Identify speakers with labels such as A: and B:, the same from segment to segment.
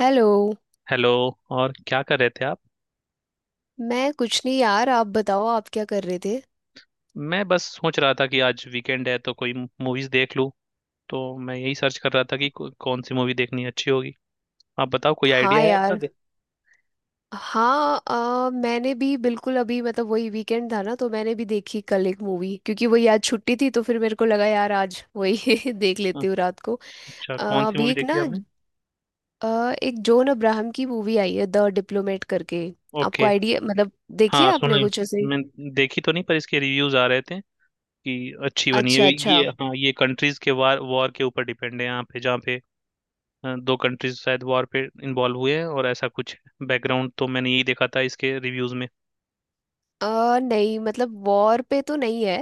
A: Hello.
B: Hello. और क्या कर रहे थे आप।
A: मैं कुछ नहीं यार, आप बताओ आप क्या कर रहे थे?
B: मैं बस सोच रहा था कि आज वीकेंड है तो कोई मूवीज देख लूं। तो मैं यही सर्च कर रहा था कि कौन सी मूवी देखनी अच्छी होगी। आप बताओ, कोई
A: हाँ
B: आइडिया है आपका
A: यार।
B: दे।
A: हाँ। मैंने भी बिल्कुल अभी मतलब वही वीकेंड था ना, तो मैंने भी देखी कल एक मूवी क्योंकि वही आज छुट्टी थी तो फिर मेरे को लगा यार आज वही देख
B: हाँ,
A: लेती हूँ रात को।
B: अच्छा
A: अ,
B: कौन सी
A: अभी
B: मूवी
A: एक
B: देखी
A: ना।
B: आपने।
A: अ, एक जॉन अब्राहम की मूवी आई है द डिप्लोमेट करके। आपको
B: ओके।
A: आइडिया मतलब देखिए
B: हाँ सुना
A: आपने
B: है।
A: कुछ ऐसे।
B: मैं देखी तो नहीं, पर इसके रिव्यूज आ रहे थे कि अच्छी बनी है।
A: अच्छा अच्छा।
B: ये हाँ, ये कंट्रीज के वार वॉर के ऊपर डिपेंड है, यहाँ पे जहाँ पे दो कंट्रीज शायद वॉर पे इन्वॉल्व हुए हैं और ऐसा कुछ बैकग्राउंड। तो मैंने यही देखा था इसके रिव्यूज में।
A: नहीं मतलब वॉर पे तो नहीं है।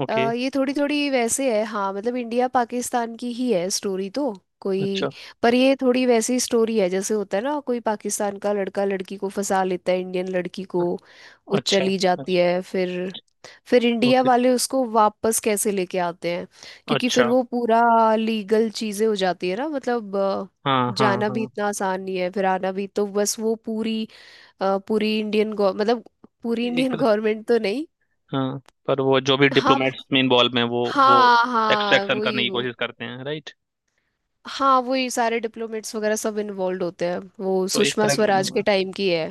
B: ओके।
A: ये थोड़ी थोड़ी वैसे है हाँ, मतलब इंडिया पाकिस्तान की ही है स्टोरी तो। कोई।
B: अच्छा
A: पर ये थोड़ी वैसी स्टोरी है जैसे होता है ना, कोई पाकिस्तान का लड़का लड़की को फंसा लेता है, इंडियन लड़की को। वो
B: अच्छा।
A: चली
B: अच्छा।
A: जाती है फिर। फिर इंडिया
B: ओके।
A: वाले उसको वापस कैसे लेके आते हैं। क्योंकि फिर
B: अच्छा।
A: वो पूरा लीगल चीजें हो जाती है ना मतलब
B: हाँ हाँ
A: जाना भी
B: हाँ।
A: इतना आसान नहीं है, फिर आना भी। तो बस वो पूरी पूरी इंडियन मतलब पूरी
B: एक।
A: इंडियन गवर्नमेंट तो नहीं।
B: हाँ, पर वो जो भी
A: हाँ,
B: डिप्लोमेट्स में इन्वॉल्व हैं वो
A: हाँ, हाँ,
B: एक्सट्रैक्शन करने
A: वही
B: की
A: वो।
B: कोशिश करते हैं, राइट।
A: हाँ वही सारे डिप्लोमेट्स वगैरह सब इन्वॉल्व होते हैं, वो
B: तो एक
A: सुषमा
B: तरह की,
A: स्वराज के टाइम की है,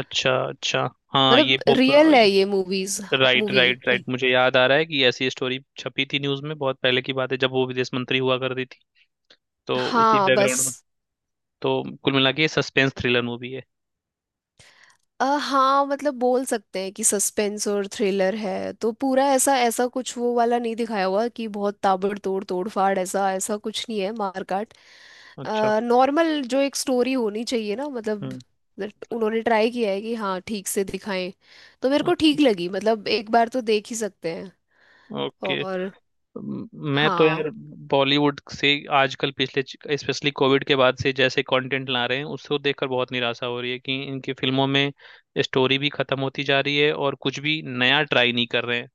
B: अच्छा अच्छा। हाँ
A: मतलब
B: ये
A: हाँ
B: पॉप।
A: रियल है ये movies.
B: Right
A: movie.
B: Right right, मुझे याद आ रहा है कि ऐसी स्टोरी छपी थी न्यूज़ में। बहुत पहले की बात है जब वो विदेश मंत्री हुआ करती थी। तो उसी
A: हाँ बस।
B: बैकग्राउंड में। तो कुल मिला के सस्पेंस थ्रिलर मूवी है।
A: हाँ मतलब बोल सकते हैं कि सस्पेंस और थ्रिलर है, तो पूरा ऐसा ऐसा कुछ वो वाला नहीं दिखाया हुआ कि बहुत ताबड़तोड़ तोड़फाड़, ऐसा ऐसा कुछ नहीं है मारकाट।
B: अच्छा।
A: नॉर्मल जो एक स्टोरी होनी चाहिए ना मतलब
B: हम्म।
A: that उन्होंने ट्राई किया है कि हाँ ठीक से दिखाएं। तो मेरे को
B: अच्छा।
A: ठीक लगी, मतलब एक बार तो देख ही सकते हैं।
B: ओके।
A: और।
B: म- मैं तो
A: हाँ
B: यार बॉलीवुड से आजकल, पिछले स्पेशली कोविड के बाद से जैसे कंटेंट ला रहे हैं, उसको देखकर बहुत निराशा हो रही है कि इनकी फिल्मों में स्टोरी भी खत्म होती जा रही है और कुछ भी नया ट्राई नहीं कर रहे हैं।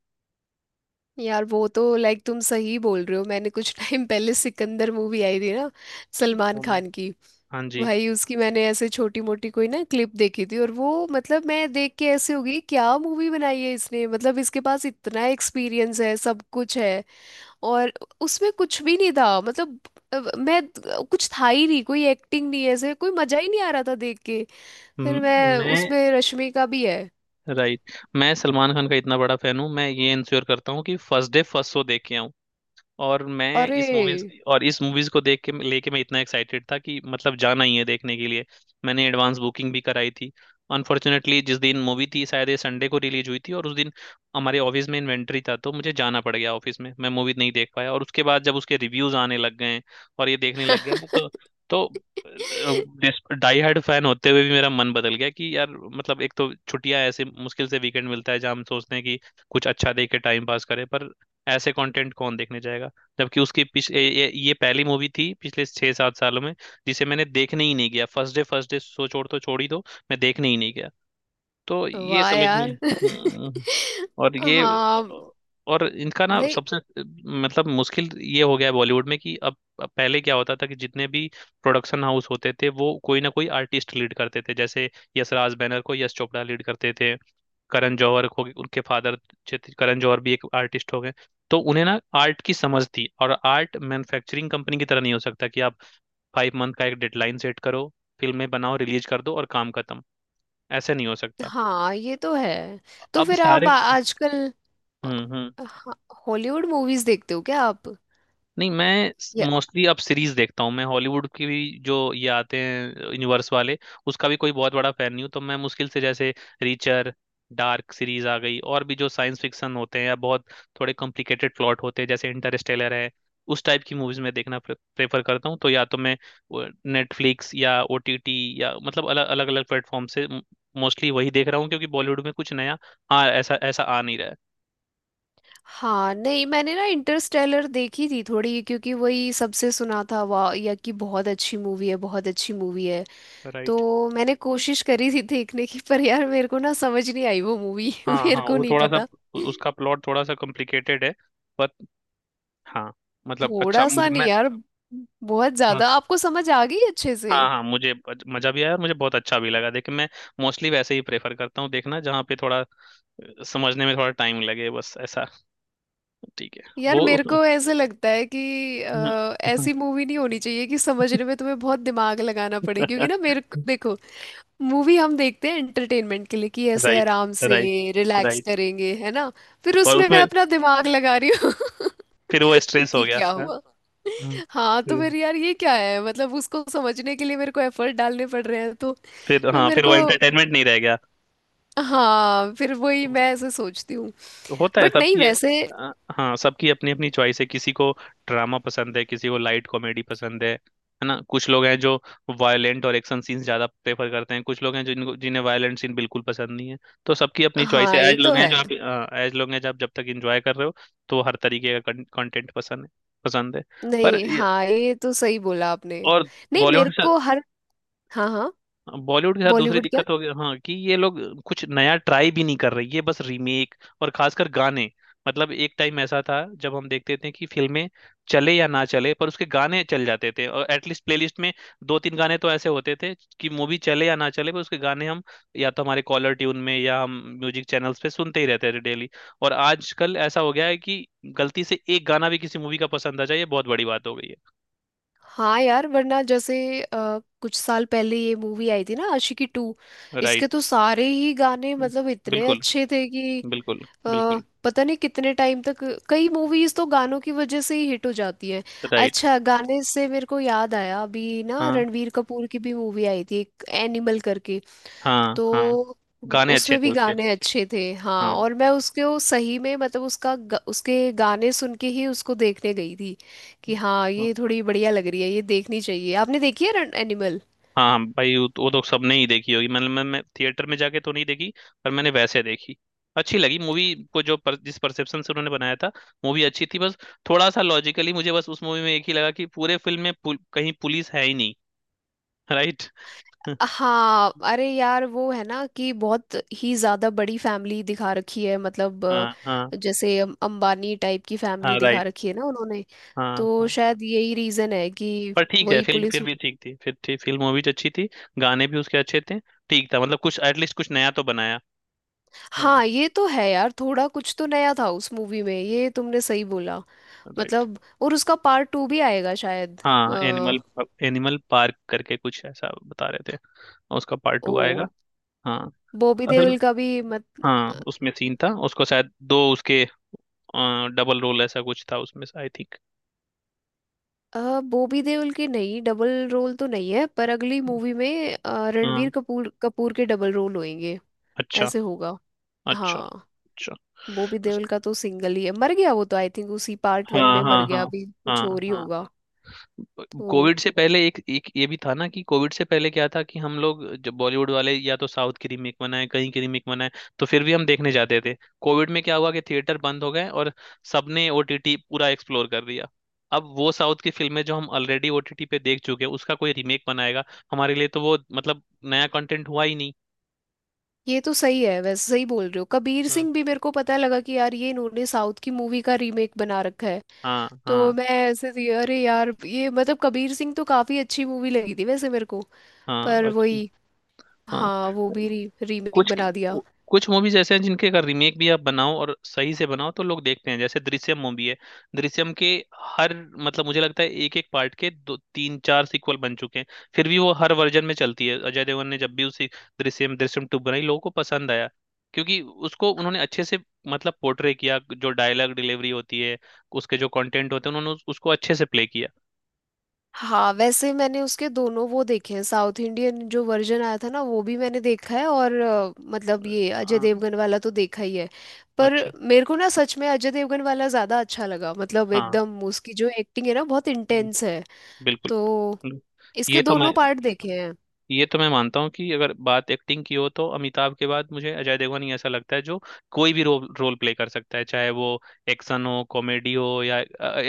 A: यार वो तो लाइक तुम सही बोल रहे हो, मैंने कुछ टाइम पहले सिकंदर मूवी आई थी ना, सलमान
B: वो
A: खान की।
B: हाँ जी।
A: भाई उसकी मैंने ऐसे छोटी मोटी कोई ना क्लिप देखी थी, और वो मतलब मैं देख के ऐसे हो गई क्या मूवी बनाई है इसने, मतलब इसके पास इतना एक्सपीरियंस है, सब कुछ है। और उसमें कुछ भी नहीं था मतलब मैं कुछ था ही नहीं, कोई एक्टिंग नहीं है, ऐसे कोई मजा ही नहीं आ रहा था देख के।
B: म-
A: फिर मैं
B: मैं।
A: उसमें रश्मि का भी है।
B: राइट, मैं सलमान खान का इतना बड़ा फैन हूँ, मैं ये इंश्योर करता हूँ कि फर्स्ट डे फर्स्ट शो देख के आऊं। और मैं
A: अरे
B: इस मूवीज और इस मूवीज को देख के लेके मैं इतना एक्साइटेड था कि मतलब जाना ही है देखने के लिए। मैंने एडवांस बुकिंग भी कराई थी। अनफॉर्चुनेटली, जिस दिन मूवी थी, शायद ये संडे को रिलीज हुई थी, और उस दिन हमारे ऑफिस में इन्वेंटरी था तो मुझे जाना पड़ गया ऑफिस में, मैं मूवी नहीं देख पाया। और उसके बाद जब उसके रिव्यूज आने लग गए और ये देखने लग गया मैं, तो डाई हार्ड फैन होते हुए भी मेरा मन बदल गया कि यार, मतलब एक तो छुट्टियां ऐसे मुश्किल से वीकेंड मिलता है जहाँ हम सोचते हैं कि कुछ अच्छा देख के टाइम पास करें, पर ऐसे कंटेंट कौन देखने जाएगा। जबकि उसकी ये पहली मूवी थी पिछले 6-7 सालों में जिसे मैंने देखने ही नहीं गया। फर्स्ट डे सो छोड़, तो छोड़ ही दो, मैं देखने ही नहीं गया। तो ये
A: वाह
B: समझ में,
A: यार
B: और ये,
A: हाँ।
B: और इनका ना
A: नहीं
B: सबसे, मतलब मुश्किल ये हो गया है बॉलीवुड में कि अब पहले क्या होता था कि जितने भी प्रोडक्शन हाउस होते थे वो कोई ना कोई आर्टिस्ट लीड करते थे, जैसे यशराज बैनर को यश चोपड़ा लीड करते थे। करण जौहर हो गए, उनके फादर। करण जौहर भी एक आर्टिस्ट हो गए। तो उन्हें ना आर्ट की समझ थी, और आर्ट मैन्युफैक्चरिंग कंपनी की तरह नहीं हो सकता कि आप 5 मंथ का एक डेडलाइन सेट करो, फिल्में बनाओ रिलीज कर दो और काम खत्म। ऐसे नहीं हो सकता।
A: हाँ ये तो है। तो
B: अब
A: फिर आप
B: सारे,
A: आजकल
B: हम्म।
A: हाँ हॉलीवुड मूवीज देखते हो क्या आप?
B: नहीं, मैं
A: या
B: मोस्टली अब सीरीज देखता हूँ। मैं हॉलीवुड की भी जो ये आते हैं यूनिवर्स वाले, उसका भी कोई बहुत बड़ा फैन नहीं हूँ। तो मैं मुश्किल से, जैसे रीचर, डार्क सीरीज आ गई, और भी जो साइंस फिक्शन होते हैं या बहुत थोड़े कॉम्प्लिकेटेड प्लॉट होते हैं जैसे इंटरस्टेलर है, उस टाइप की मूवीज मैं देखना प्रेफर करता हूँ। तो या तो मैं नेटफ्लिक्स या ओटीटी या मतलब अलग अलग अलग प्लेटफॉर्म से मोस्टली वही देख रहा हूँ क्योंकि बॉलीवुड में कुछ नया, हाँ ऐसा ऐसा आ नहीं रहा है।
A: हाँ नहीं मैंने ना इंटरस्टेलर देखी थी थोड़ी, क्योंकि वही सबसे सुना था वाह या कि बहुत अच्छी मूवी है बहुत अच्छी मूवी है।
B: राइट।
A: तो मैंने कोशिश करी थी देखने की, पर यार मेरे को ना समझ नहीं आई वो मूवी
B: हाँ
A: मेरे
B: हाँ,
A: को
B: वो
A: नहीं
B: थोड़ा सा,
A: पता।
B: उसका प्लॉट थोड़ा सा कॉम्प्लिकेटेड है, बट हाँ, मतलब अच्छा,
A: थोड़ा सा
B: मुझे,
A: नहीं
B: मैं,
A: यार, बहुत
B: हाँ
A: ज्यादा आपको समझ आ गई अच्छे से।
B: हाँ, हाँ मुझे मजा भी आया और मुझे बहुत अच्छा भी लगा। देखिए, मैं मोस्टली वैसे ही प्रेफर करता हूँ देखना जहाँ पे थोड़ा समझने में थोड़ा टाइम लगे, बस ऐसा ठीक है
A: यार
B: वो।
A: मेरे को ऐसे लगता है कि ऐसी मूवी नहीं होनी चाहिए कि समझने में तुम्हें बहुत दिमाग लगाना पड़े, क्योंकि ना मेरे को देखो मूवी हम देखते हैं एंटरटेनमेंट के लिए, कि ऐसे
B: राइट,
A: आराम से
B: राइट,
A: रिलैक्स
B: राइट।
A: करेंगे है ना। फिर
B: और
A: उसमें मैं
B: उसमें,
A: अपना दिमाग लगा रही हूँ
B: फिर वो स्ट्रेस हो
A: कि
B: गया,
A: क्या
B: हाँ?
A: हुआ।
B: हम्म।
A: हाँ तो फिर यार ये क्या है, मतलब उसको समझने के लिए मेरे को एफर्ट डालने पड़ रहे हैं तो।
B: फिर,
A: मैं
B: हाँ,
A: मेरे
B: फिर
A: को
B: वो एंटरटेनमेंट नहीं रह गया।
A: हाँ फिर वही मैं ऐसे सोचती हूँ।
B: तो होता है
A: बट नहीं
B: सबकी,
A: वैसे।
B: अ, हाँ, सबकी अपनी अपनी चॉइस है। किसी को ड्रामा पसंद है, किसी को लाइट कॉमेडी पसंद है ना। कुछ लोग हैं जो वायलेंट और एक्शन सीन्स ज्यादा प्रेफर करते हैं, कुछ लोग हैं जिनको जिन्हें वायलेंट सीन बिल्कुल पसंद नहीं है। तो सबकी अपनी चॉइस है।
A: हाँ ये तो है।
B: एज लोग हैं जो आप जब तक एंजॉय कर रहे हो, तो हर तरीके का कंटेंट पसंद है, पसंद है। पर
A: नहीं
B: ये-
A: हाँ ये तो सही बोला आपने।
B: और
A: नहीं मेरे
B: बॉलीवुड,
A: को हर। हाँ हाँ।
B: बॉलीवुड के साथ दूसरी
A: बॉलीवुड।
B: दिक्कत हो गई हाँ कि ये लोग कुछ नया ट्राई भी नहीं कर रहे, ये बस रीमेक। और खासकर गाने। मतलब एक टाइम ऐसा था जब हम देखते थे कि फिल्में चले या ना चले पर उसके गाने चल जाते थे, और एटलीस्ट प्लेलिस्ट में दो तीन गाने तो ऐसे होते थे कि मूवी चले या ना चले, पर उसके गाने हम या तो हमारे कॉलर ट्यून में या हम म्यूजिक चैनल्स पे सुनते ही रहते थे डेली। और आजकल ऐसा हो गया है कि गलती से एक गाना भी किसी मूवी का पसंद आ जाए ये बहुत बड़ी बात हो गई
A: हाँ यार वरना जैसे कुछ साल पहले ये मूवी आई थी ना आशिकी टू।
B: है।
A: इसके
B: राइट।
A: तो सारे ही गाने मतलब इतने
B: बिल्कुल,
A: अच्छे थे कि
B: बिल्कुल,
A: अ,
B: बिल्कुल।
A: पता नहीं कितने टाइम तक। कई मूवीज तो गानों की वजह से ही हिट हो जाती हैं।
B: राइट।
A: अच्छा गाने से मेरे को याद आया, अभी ना रणवीर कपूर की भी मूवी आई थी एक एनिमल करके।
B: हाँ हाँ।
A: तो
B: गाने अच्छे
A: उसमें
B: थे
A: भी
B: उसके।
A: गाने अच्छे थे हाँ,
B: हाँ
A: और मैं उसके वो सही में मतलब उसका उसके गाने सुन के ही उसको देखने गई थी कि हाँ
B: हाँ।
A: ये थोड़ी बढ़िया लग रही है, ये देखनी चाहिए। आपने देखी है रन एनिमल?
B: हाँ, भाई, वो तो सबने ही देखी होगी, मतलब मैं थिएटर में जाके तो नहीं देखी, पर मैंने वैसे देखी। अच्छी लगी मूवी को, जो पर, जिस परसेप्शन से उन्होंने बनाया था, मूवी अच्छी थी। बस थोड़ा सा लॉजिकली मुझे बस उस मूवी में एक ही लगा कि पूरे फिल्म में कहीं पुलिस है ही नहीं। राइट।
A: हाँ अरे यार वो है ना कि बहुत ही ज्यादा बड़ी फैमिली दिखा रखी है, मतलब
B: हाँ हाँ
A: जैसे अंबानी टाइप की
B: हाँ।
A: फैमिली दिखा
B: राइट।
A: रखी है ना उन्होंने।
B: हाँ
A: तो
B: हाँ,
A: शायद यही रीजन है कि
B: पर ठीक है,
A: वही
B: फिल्म
A: पुलिस।
B: फिर भी ठीक थी। फिर ठीक फिल्म, मूवी तो अच्छी थी। गाने भी उसके अच्छे थे। ठीक था, मतलब कुछ एटलीस्ट कुछ नया तो बनाया। हम्म।
A: हाँ ये तो है यार, थोड़ा कुछ तो नया था उस मूवी में, ये तुमने सही बोला।
B: राइट।
A: मतलब और उसका पार्ट टू भी आएगा शायद
B: हाँ, एनिमल, एनिमल पार्क करके कुछ ऐसा बता रहे थे, और उसका पार्ट
A: ओ।
B: टू आएगा। हाँ।
A: बॉबी
B: असल में,
A: देओल का भी मत।
B: हाँ उसमें सीन था। उसको शायद दो, उसके डबल रोल ऐसा कुछ था उसमें, आई थिंक।
A: बॉबी देओल की नहीं डबल रोल तो नहीं है, पर अगली मूवी में रणवीर
B: हाँ।
A: कपूर कपूर के डबल रोल होंगे,
B: अच्छा।
A: ऐसे होगा।
B: अच्छा।
A: हाँ
B: अच्छा।
A: बॉबी देओल का तो सिंगल ही है, मर गया वो तो आई थिंक उसी पार्ट वन
B: हाँ
A: में मर
B: हाँ
A: गया,
B: हाँ।
A: अभी कुछ
B: हाँ
A: और ही
B: हाँ।
A: होगा तो।
B: कोविड से पहले एक, एक ये भी था ना कि कोविड से पहले क्या था कि हम लोग, जब बॉलीवुड वाले या तो साउथ की रीमेक बनाए, कहीं की रीमेक बनाए, तो फिर भी हम देखने जाते थे। कोविड में क्या हुआ कि थिएटर बंद हो गए और सबने ओटीटी पूरा एक्सप्लोर कर दिया। अब वो साउथ की फिल्में जो हम ऑलरेडी ओटीटी पे देख चुके हैं, उसका कोई रीमेक बनाएगा, हमारे लिए तो वो मतलब नया कंटेंट हुआ ही नहीं।
A: ये तो सही है, वैसे सही बोल रहे हो। कबीर
B: हम्म।
A: सिंह भी मेरे को पता लगा कि यार ये इन्होंने साउथ की मूवी का रीमेक बना रखा है।
B: हाँ
A: तो
B: हाँ
A: मैं ऐसे थी अरे यार ये मतलब कबीर सिंह तो काफी अच्छी मूवी लगी थी वैसे मेरे को।
B: हाँ।
A: पर
B: अच्छा।
A: वही
B: हाँ।
A: हाँ वो भी रीमेक
B: कुछ
A: बना दिया।
B: कुछ मूवीज ऐसे हैं जिनके अगर रीमेक भी आप बनाओ और सही से बनाओ तो लोग देखते हैं, जैसे दृश्यम मूवी है। दृश्यम के हर, मतलब मुझे लगता है एक एक पार्ट के दो तीन चार सीक्वल बन चुके हैं, फिर भी वो हर वर्जन में चलती है। अजय देवगन ने जब भी उसी दृश्यम दृश्यम टू बनाई, लोगों को पसंद आया क्योंकि उसको उन्होंने अच्छे से, मतलब पोर्ट्रे किया। जो डायलॉग डिलीवरी होती है, उसके जो कंटेंट होते हैं, उन्होंने उसको अच्छे से प्ले किया।
A: हाँ वैसे मैंने उसके दोनों वो देखे हैं, साउथ इंडियन जो वर्जन आया था ना वो भी मैंने देखा है, और मतलब ये अजय
B: अ,
A: देवगन वाला तो देखा ही है। पर
B: अच्छा।
A: मेरे को ना सच में अजय देवगन वाला ज्यादा अच्छा लगा, मतलब
B: हाँ,
A: एकदम उसकी जो एक्टिंग है ना बहुत इंटेंस है।
B: बिल्कुल।
A: तो
B: ये
A: इसके
B: तो
A: दोनों
B: मैं,
A: पार्ट देखे हैं।
B: ये तो मैं मानता हूँ कि अगर बात एक्टिंग की हो, तो अमिताभ के बाद मुझे अजय देवगन ही ऐसा लगता है जो कोई भी रोल रोल प्ले कर सकता है, चाहे वो एक्शन हो, कॉमेडी हो, या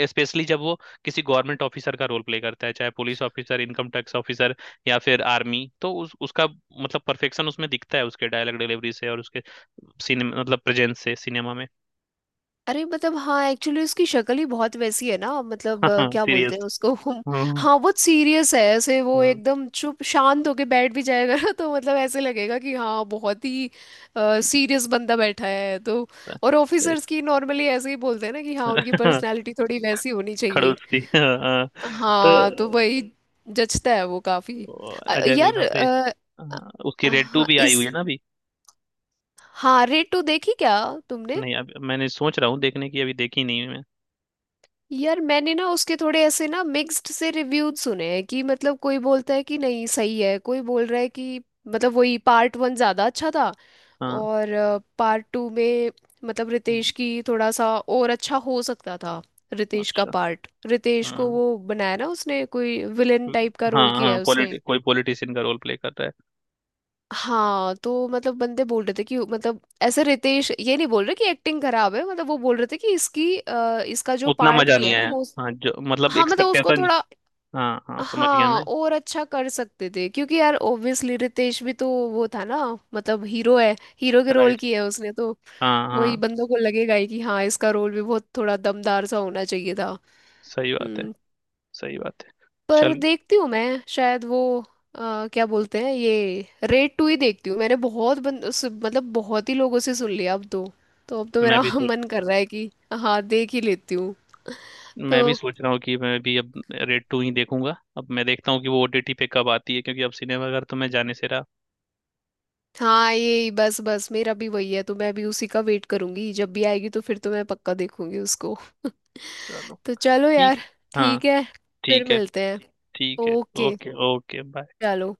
B: स्पेशली जब वो किसी गवर्नमेंट ऑफिसर का रोल प्ले करता है, चाहे police officer, income tax officer, या फिर आर्मी। तो उस उसका मतलब परफेक्शन उसमें दिखता है, उसके डायलॉग डिलीवरी से और उसके सिनेमा, मतलब प्रेजेंस से, सिनेमा में।
A: अरे मतलब हाँ एक्चुअली उसकी शक्ल ही बहुत वैसी है ना, मतलब
B: हाँ,
A: क्या बोलते हैं
B: सीरियस।
A: उसको हम।
B: हम्म।
A: हाँ बहुत सीरियस है ऐसे, वो
B: हम्म।
A: एकदम चुप शांत होके बैठ भी जाएगा ना, तो मतलब ऐसे लगेगा कि हाँ बहुत ही सीरियस बंदा बैठा है तो। और
B: सही।
A: ऑफिसर्स की नॉर्मली ऐसे ही बोलते हैं ना कि हाँ उनकी पर्सनैलिटी थोड़ी वैसी होनी चाहिए।
B: खड़ूस थी, हाँ हाँ। तो
A: हाँ तो वही जचता है वो काफी।
B: वो अजय
A: यार
B: देवगन से। हाँ, उसकी रेड टू
A: हाँ
B: भी आई
A: इस।
B: हुई है ना अभी।
A: हाँ रेड टू देखी क्या तुमने?
B: नहीं, अब मैंने सोच रहा हूँ देखने की, अभी देखी नहीं है मैं।
A: यार मैंने ना उसके थोड़े ऐसे ना मिक्स्ड से रिव्यूज सुने हैं कि मतलब कोई बोलता है कि नहीं सही है, कोई बोल रहा है कि मतलब वही पार्ट वन ज़्यादा अच्छा था।
B: हाँ।
A: और पार्ट टू में मतलब रितेश
B: ये-
A: की थोड़ा सा और अच्छा हो सकता था। रितेश का
B: अच्छा।
A: पार्ट, रितेश को
B: हाँ
A: वो बनाया ना उसने, कोई विलेन टाइप का
B: हाँ,
A: रोल किया
B: हाँ
A: है उसने।
B: पॉलिटि कोई पॉलिटिशियन का रोल प्ले कर रहा है।
A: हाँ तो मतलब बंदे बोल रहे थे कि मतलब ऐसे रितेश ये नहीं बोल रहे कि एक्टिंग खराब है, मतलब वो बोल रहे थे कि इसकी इसका जो
B: उतना
A: पार्ट
B: मजा
A: दिया
B: नहीं
A: है ना
B: आया।
A: हो।
B: हाँ, जो मतलब
A: हाँ मतलब उसको
B: एक्सपेक्टेशन।
A: थोड़ा
B: हाँ हाँ, समझ गया
A: हाँ
B: मैं।
A: और अच्छा कर सकते थे, क्योंकि यार ऑब्वियसली रितेश भी तो वो था ना मतलब हीरो है, हीरो के रोल
B: राइट।
A: की है उसने तो।
B: हाँ
A: वही
B: हाँ।
A: बंदों को लगेगा ही कि हाँ इसका रोल भी बहुत थोड़ा दमदार सा होना चाहिए था।
B: सही बात है।
A: हम्म।
B: सही बात है।
A: पर
B: चल,
A: देखती हूँ मैं, शायद वो क्या बोलते हैं ये रेड टू ही देखती हूँ, मैंने बहुत बंद मतलब बहुत ही लोगों से सुन लिया अब तो। तो अब तो
B: मैं
A: मेरा
B: भी सोच
A: मन कर रहा है कि हाँ देख ही लेती हूँ तो।
B: मैं भी सोच रहा हूँ कि मैं भी अब रेड टू ही देखूंगा, अब मैं देखता हूँ कि वो ओटीटी पे कब आती है क्योंकि अब सिनेमाघर तो मैं जाने से रहा।
A: हाँ ये बस बस मेरा भी वही है, तो मैं भी उसी का वेट करूंगी जब भी आएगी तो फिर तो मैं पक्का देखूंगी उसको
B: चलो,
A: तो चलो
B: ठीक
A: यार।
B: है। हाँ,
A: ठीक है। फिर
B: ठीक है।
A: मिलते हैं।
B: ठीक है।
A: ओके।
B: ओके। Okay, bye.
A: चलो।